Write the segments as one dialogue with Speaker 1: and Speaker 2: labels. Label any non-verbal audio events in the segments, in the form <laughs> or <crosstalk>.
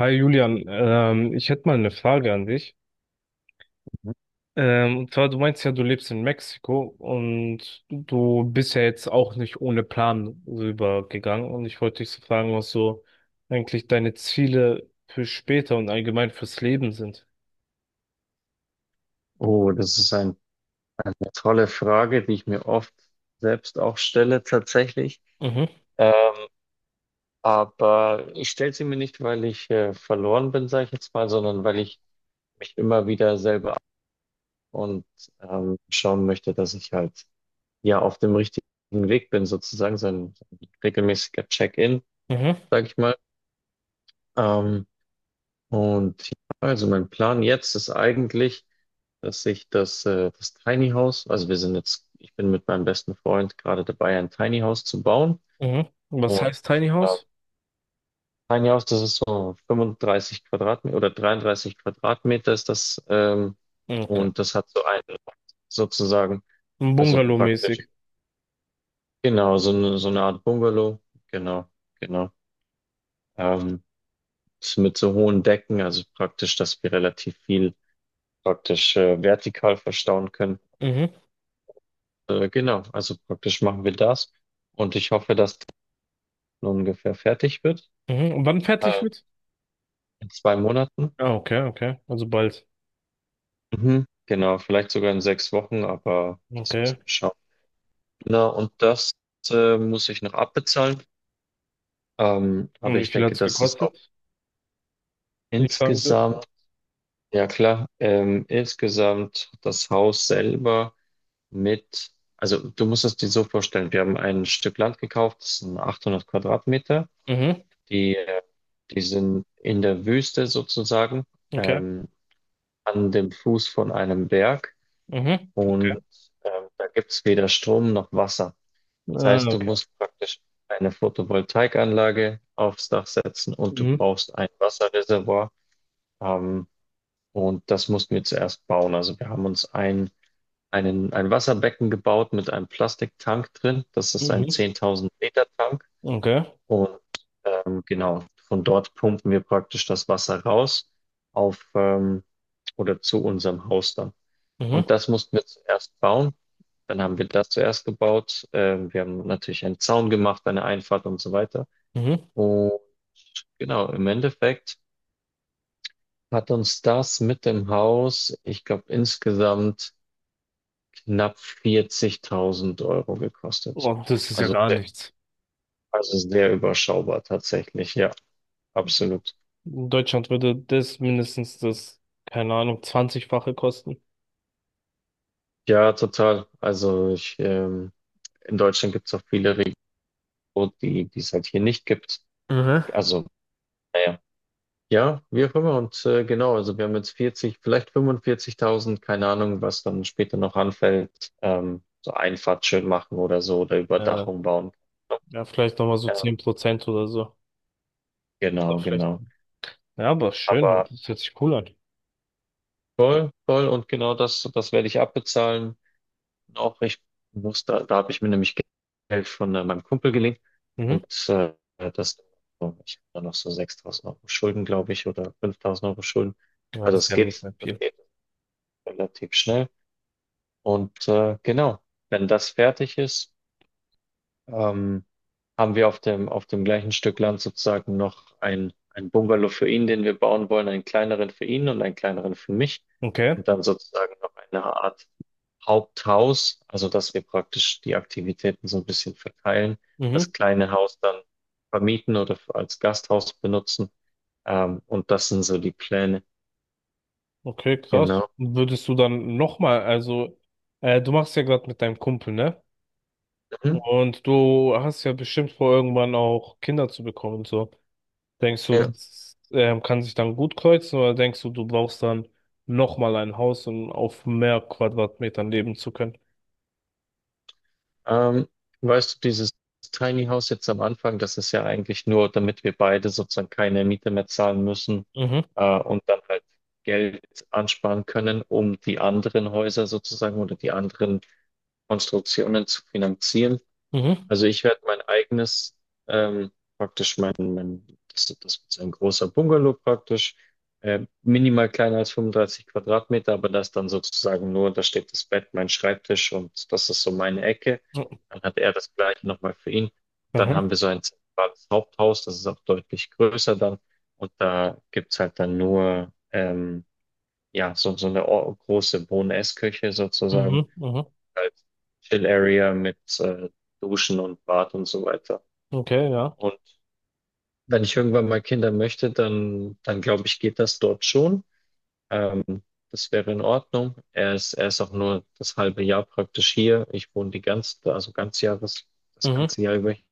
Speaker 1: Hi Julian, ich hätte mal eine Frage an dich.
Speaker 2: Mhm.
Speaker 1: Und zwar, du meinst ja, du lebst in Mexiko und du bist ja jetzt auch nicht ohne Plan rübergegangen. Und ich wollte dich so fragen, was so eigentlich deine Ziele für später und allgemein fürs Leben sind.
Speaker 2: Oh, das ist eine tolle Frage, die ich mir oft selbst auch stelle tatsächlich.
Speaker 1: Mhm,
Speaker 2: Äh, aber ich stelle sie mir nicht, weil ich verloren bin, sage ich jetzt mal, sondern weil ich mich immer wieder selber und schauen möchte, dass ich halt ja auf dem richtigen Weg bin, sozusagen so ein regelmäßiger Check-in,
Speaker 1: mhm,
Speaker 2: sage ich mal. Ähm, und ja, also mein Plan jetzt ist eigentlich, dass ich das Tiny House, also wir sind jetzt, ich bin mit meinem besten Freund gerade dabei, ein Tiny House zu bauen.
Speaker 1: mhm. Und was
Speaker 2: Und
Speaker 1: heißt Tiny
Speaker 2: ähm,
Speaker 1: House?
Speaker 2: Tiny House, das ist so 35 Quadratmeter oder 33 Quadratmeter ist das
Speaker 1: Okay.
Speaker 2: und das hat so einen Raum sozusagen, also praktisch.
Speaker 1: Bungalow-mäßig.
Speaker 2: Genau, so eine Art Bungalow. Genau, genau. Ähm, Ist mit so hohen Decken, also praktisch, dass wir relativ viel praktisch vertikal verstauen können.
Speaker 1: Mhm,
Speaker 2: Genau, also praktisch machen wir das. Und ich hoffe, dass das ungefähr fertig wird.
Speaker 1: mhm. Und wann fertig
Speaker 2: Äh,
Speaker 1: wird?
Speaker 2: in 2 Monaten.
Speaker 1: Ah, okay, okay. Also bald.
Speaker 2: Mhm. Genau, vielleicht sogar in 6 Wochen, aber das
Speaker 1: Okay.
Speaker 2: müssen wir schauen. Genau, und das muss ich noch abbezahlen.
Speaker 1: Und
Speaker 2: Aber
Speaker 1: wie
Speaker 2: ich
Speaker 1: viel
Speaker 2: denke,
Speaker 1: hat's
Speaker 2: das ist auch
Speaker 1: gekostet, wenn ich fragen dürfte.
Speaker 2: insgesamt. Ja, klar. Insgesamt das Haus selber mit, also du musst es dir so vorstellen, wir haben ein Stück Land gekauft, das sind 800 Quadratmeter,
Speaker 1: Mhm,
Speaker 2: die, äh, die sind in der Wüste sozusagen,
Speaker 1: okay.
Speaker 2: ähm, an dem Fuß von einem Berg
Speaker 1: Mhm.
Speaker 2: und da gibt es weder Strom noch Wasser. Das
Speaker 1: Ah,
Speaker 2: heißt, du
Speaker 1: okay.
Speaker 2: musst praktisch eine Photovoltaikanlage aufs Dach setzen und du
Speaker 1: Mhm.
Speaker 2: brauchst ein Wasserreservoir. Ähm, und das mussten wir zuerst bauen. Also wir haben uns ein Wasserbecken gebaut mit einem Plastiktank drin. Das ist ein
Speaker 1: Mhm.
Speaker 2: 10.000 Liter Tank.
Speaker 1: Okay.
Speaker 2: Und genau, von dort pumpen wir praktisch das Wasser raus auf oder zu unserem Haus dann.
Speaker 1: Mhm.
Speaker 2: Und das mussten wir zuerst bauen. Dann haben wir das zuerst gebaut. Wir haben natürlich einen Zaun gemacht, eine Einfahrt und so weiter.
Speaker 1: Mhm.
Speaker 2: Und genau, im Endeffekt hat uns das mit dem Haus, ich glaube, insgesamt knapp 40.000 € gekostet.
Speaker 1: Oh, das ist ja
Speaker 2: Also
Speaker 1: gar
Speaker 2: sehr,
Speaker 1: nichts.
Speaker 2: also sehr überschaubar tatsächlich, ja, absolut.
Speaker 1: In Deutschland würde das mindestens das, keine Ahnung, 20-fache kosten.
Speaker 2: Ja, total. Also ich, in Deutschland gibt es auch viele Regionen, die es halt hier nicht gibt.
Speaker 1: Mhm.
Speaker 2: Also, naja. Ja, wie auch immer. Und genau, also wir haben jetzt 40, vielleicht 45.000, keine Ahnung, was dann später noch anfällt. So Einfahrt schön machen oder so oder
Speaker 1: Äh,
Speaker 2: Überdachung bauen.
Speaker 1: ja, vielleicht nochmal so
Speaker 2: Ähm,
Speaker 1: 10% oder so. Oder
Speaker 2: genau,
Speaker 1: vielleicht.
Speaker 2: genau.
Speaker 1: Ja, aber schön,
Speaker 2: Aber
Speaker 1: das hört sich cool an.
Speaker 2: voll, voll und genau das werde ich abbezahlen. Auch recht bewusst, da habe ich mir nämlich Geld von meinem Kumpel geliehen
Speaker 1: Mhm.
Speaker 2: und das, ich habe da noch so 6.000 € Schulden, glaube ich, oder 5.000 € Schulden.
Speaker 1: Ja, das
Speaker 2: Also
Speaker 1: ist
Speaker 2: es
Speaker 1: ja nicht
Speaker 2: geht,
Speaker 1: mehr
Speaker 2: das
Speaker 1: viel.
Speaker 2: geht relativ schnell. Und genau, wenn das fertig ist, ähm, haben wir auf dem gleichen Stück Land sozusagen noch ein Bungalow für ihn, den wir bauen wollen, einen kleineren für ihn und einen kleineren für mich
Speaker 1: Okay.
Speaker 2: und dann sozusagen noch eine Art Haupthaus, also dass wir praktisch die Aktivitäten so ein bisschen verteilen, das
Speaker 1: Mhm.
Speaker 2: kleine Haus dann vermieten oder als Gasthaus benutzen. Und das sind so die Pläne.
Speaker 1: Okay, krass.
Speaker 2: Genau.
Speaker 1: Würdest du dann nochmal, also, du machst ja gerade mit deinem Kumpel, ne?
Speaker 2: Mhm.
Speaker 1: Und du hast ja bestimmt vor, irgendwann auch Kinder zu bekommen und so. Denkst du,
Speaker 2: Ja.
Speaker 1: das, kann sich dann gut kreuzen oder denkst du, du brauchst dann nochmal ein Haus, um auf mehr Quadratmetern leben zu können?
Speaker 2: Ähm, Weißt du, dieses Tiny House jetzt am Anfang, das ist ja eigentlich nur, damit wir beide sozusagen keine Miete mehr zahlen müssen,
Speaker 1: Mhm,
Speaker 2: und dann halt Geld ansparen können, um die anderen Häuser sozusagen oder die anderen Konstruktionen zu finanzieren.
Speaker 1: mhm,
Speaker 2: Also ich werde mein eigenes, ähm, praktisch das wird so ein großer Bungalow praktisch, minimal kleiner als 35 Quadratmeter, aber das dann sozusagen nur, da steht das Bett, mein Schreibtisch und das ist so meine Ecke. Dann hat er das gleiche nochmal für ihn. Dann
Speaker 1: mhm,
Speaker 2: haben wir so ein zentrales Haupthaus, das ist auch deutlich größer dann und da gibt's halt dann nur, ja, so eine große Boness-Küche sozusagen.
Speaker 1: mhm, mhm,
Speaker 2: Halt Chill-Area mit Duschen und Bad und so weiter.
Speaker 1: okay, ja,
Speaker 2: Und wenn ich irgendwann mal Kinder möchte, dann glaube ich, geht das dort schon. Ähm, Das wäre in Ordnung. Er ist auch nur das halbe Jahr praktisch hier. Ich wohne die ganze, also ganz Jahres, das
Speaker 1: mhm.
Speaker 2: ganze Jahr über hier.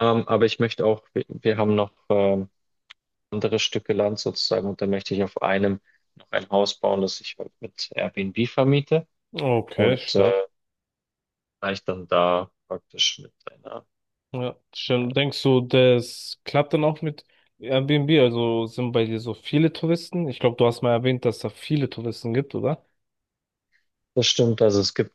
Speaker 2: Aber ich möchte auch, wir haben noch andere Stücke Land sozusagen und da möchte ich auf einem noch ein Haus bauen, das ich halt mit Airbnb vermiete
Speaker 1: Okay,
Speaker 2: und
Speaker 1: stark.
Speaker 2: vielleicht dann da praktisch mit einer.
Speaker 1: Ja,
Speaker 2: Äh,
Speaker 1: stimmt. Denkst du, das klappt dann auch mit Airbnb? Also sind bei dir so viele Touristen? Ich glaube, du hast mal erwähnt, dass da viele Touristen gibt, oder?
Speaker 2: Das stimmt, also es gibt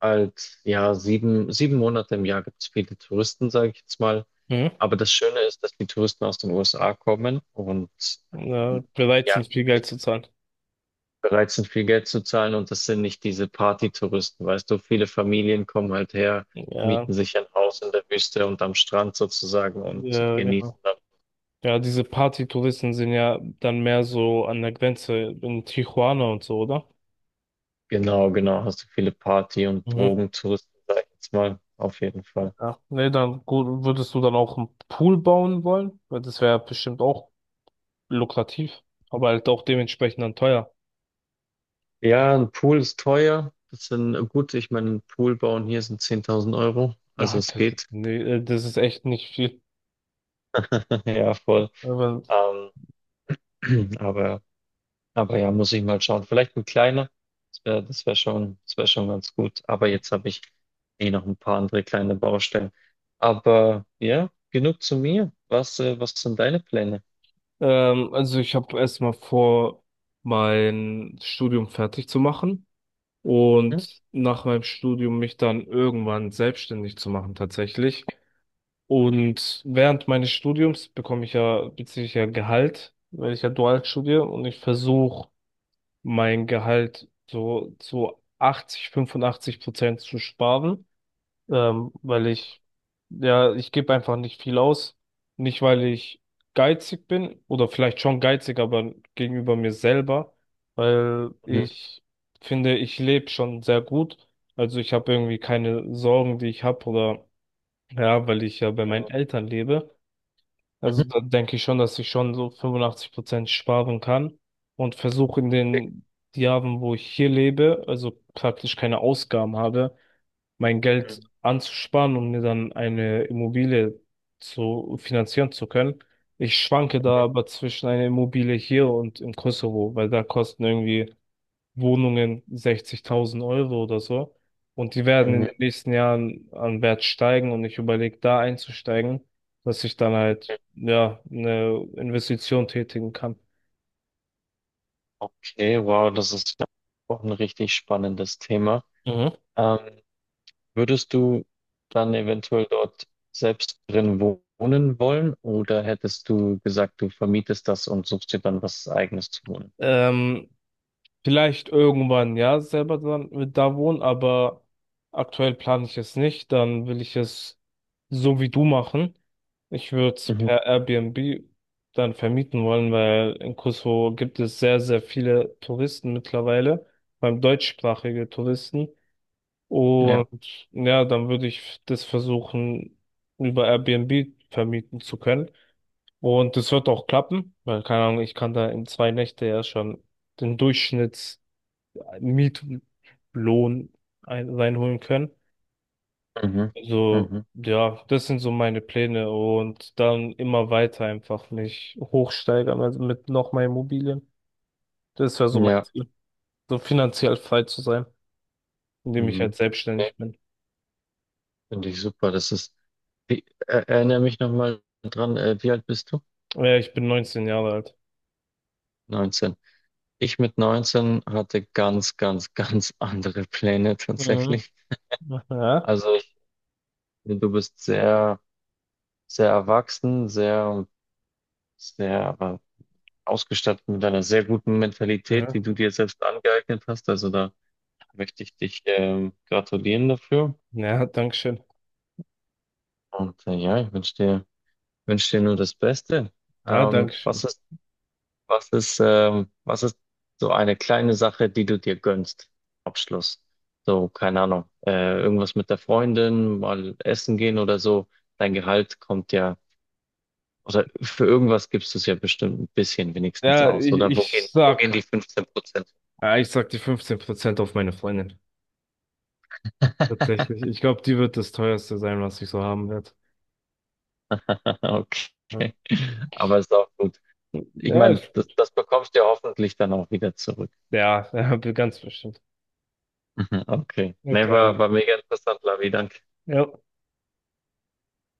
Speaker 2: halt ja sieben Monate im Jahr gibt es viele Touristen, sage ich jetzt mal.
Speaker 1: Mhm.
Speaker 2: Aber das Schöne ist, dass die Touristen aus den USA kommen und
Speaker 1: Ja,
Speaker 2: ähm,
Speaker 1: bereit
Speaker 2: ja,
Speaker 1: sind, viel Geld zu zahlen.
Speaker 2: bereit sind, viel Geld zu zahlen, und das sind nicht diese Partytouristen, weißt du, viele Familien kommen halt her,
Speaker 1: Ja,
Speaker 2: mieten sich ein Haus in der Wüste und am Strand sozusagen und
Speaker 1: ja, genau.
Speaker 2: genießen dann.
Speaker 1: Ja, diese Partytouristen sind ja dann mehr so an der Grenze in Tijuana und so, oder?
Speaker 2: Genau, genau, hast du viele Party- und
Speaker 1: Mhm.
Speaker 2: Drogentouristen, sag ich jetzt mal, auf jeden Fall.
Speaker 1: Ja. Nee, dann gut, würdest du dann auch einen Pool bauen wollen? Weil das wäre bestimmt auch lukrativ, aber halt auch dementsprechend dann teuer.
Speaker 2: Ja, ein Pool ist teuer, das sind gut, ich meine, ein Pool bauen hier sind 10.000 Euro, also
Speaker 1: Ja,
Speaker 2: es geht,
Speaker 1: nee, das ist echt nicht viel.
Speaker 2: <laughs> ja, voll,
Speaker 1: Aber,
Speaker 2: ähm, <clears throat> aber Aber ja, muss ich mal schauen. Vielleicht ein kleiner. Das wäre schon ganz gut. Aber jetzt habe ich eh noch ein paar andere kleine Baustellen. Aber ja, genug zu mir. Was sind deine Pläne?
Speaker 1: also ich habe erstmal vor, mein Studium fertig zu machen
Speaker 2: Hm?
Speaker 1: und nach meinem Studium mich dann irgendwann selbstständig zu machen, tatsächlich. Und während meines Studiums bekomme ich ja, beziehe ich ja Gehalt, weil ich ja dual studiere und ich versuche mein Gehalt so zu 80, 85% zu sparen, weil ich, ja, ich gebe einfach nicht viel aus. Nicht, weil ich geizig bin oder vielleicht schon geizig, aber gegenüber mir selber, weil
Speaker 2: Mhm.
Speaker 1: ich finde, ich lebe schon sehr gut. Also ich habe irgendwie keine Sorgen, die ich habe oder ja, weil ich ja bei meinen Eltern lebe. Also
Speaker 2: Mhm.
Speaker 1: da denke ich schon, dass ich schon so 85% sparen kann und versuche in den Jahren, wo ich hier lebe, also praktisch keine Ausgaben habe, mein Geld
Speaker 2: Mhm.
Speaker 1: anzusparen und mir dann eine Immobilie zu finanzieren zu können. Ich schwanke da aber zwischen einer Immobilie hier und im Kosovo, weil da kosten irgendwie Wohnungen 60.000 Euro oder so. Und die werden in
Speaker 2: Mhm.
Speaker 1: den nächsten Jahren an Wert steigen und ich überlege, da einzusteigen, dass ich dann
Speaker 2: Mhm.
Speaker 1: halt, ja, eine Investition tätigen kann.
Speaker 2: Okay, wow, das ist ja auch ein richtig spannendes Thema.
Speaker 1: Mhm.
Speaker 2: Ähm, Würdest du dann eventuell dort selbst drin wohnen wollen oder hättest du gesagt, du vermietest das und suchst dir dann was Eigenes zu wohnen?
Speaker 1: Ähm, Vielleicht irgendwann, ja, selber dann mit da wohnen, aber aktuell plane ich es nicht. Dann will ich es so wie du machen. Ich würde es per Airbnb dann vermieten wollen, weil in Kosovo gibt es sehr, sehr viele Touristen mittlerweile, vor allem deutschsprachige Touristen.
Speaker 2: Ja,
Speaker 1: Und ja, dann würde ich das versuchen, über Airbnb vermieten zu können. Und das wird auch klappen, weil, keine Ahnung, ich kann da in 2 Nächte ja schon den Durchschnitts Mietlohn ein, reinholen können.
Speaker 2: mhm,
Speaker 1: Also,
Speaker 2: mhm,
Speaker 1: ja, das sind so meine Pläne und dann immer weiter einfach mich hochsteigern, also mit noch mehr Immobilien. Das wäre so mein
Speaker 2: ja,
Speaker 1: Ziel, so finanziell frei zu sein, indem ich halt
Speaker 2: mhm. Nee,
Speaker 1: selbstständig bin.
Speaker 2: finde ich super. Das ist, erinnere mich nochmal dran, wie alt bist du?
Speaker 1: Ja, ich bin 19 Jahre alt.
Speaker 2: 19. Ich mit 19 hatte ganz, ganz, <laughs> ganz andere Pläne
Speaker 1: Mhm.
Speaker 2: tatsächlich.
Speaker 1: Ja,
Speaker 2: Also du bist sehr, sehr erwachsen, sehr, sehr, aber ausgestattet mit einer sehr guten Mentalität, die
Speaker 1: ja,
Speaker 2: du dir selbst angeeignet hast. Also da möchte ich dich, gratulieren dafür.
Speaker 1: ja, danke schön.
Speaker 2: Und ja, ich wünsche dir nur das Beste.
Speaker 1: Ja,
Speaker 2: Ähm,
Speaker 1: danke
Speaker 2: was
Speaker 1: schön.
Speaker 2: ist, was ist so eine kleine Sache, die du dir gönnst? Abschluss. So, keine Ahnung. Irgendwas mit der Freundin, mal essen gehen oder so. Dein Gehalt kommt ja, oder für irgendwas gibst du es ja bestimmt ein bisschen wenigstens
Speaker 1: Ja,
Speaker 2: aus.
Speaker 1: ich,
Speaker 2: Oder wo gehen,
Speaker 1: ich
Speaker 2: wo gehen die
Speaker 1: sag,
Speaker 2: 15%?
Speaker 1: ja, ich sag die 15% auf meine Freundin.
Speaker 2: <laughs>
Speaker 1: Tatsächlich. Ich glaube, die wird das teuerste sein, was ich so haben werde. Ja.
Speaker 2: Okay. Aber ist auch gut. Ich
Speaker 1: Ja,
Speaker 2: meine,
Speaker 1: ist
Speaker 2: das,
Speaker 1: gut.
Speaker 2: das bekommst du ja hoffentlich dann auch wieder zurück.
Speaker 1: Ja, <laughs> ganz bestimmt.
Speaker 2: <laughs> Okay. Nee,
Speaker 1: Okay,
Speaker 2: war,
Speaker 1: alles.
Speaker 2: war mega interessant, Lavi. Danke.
Speaker 1: Ja.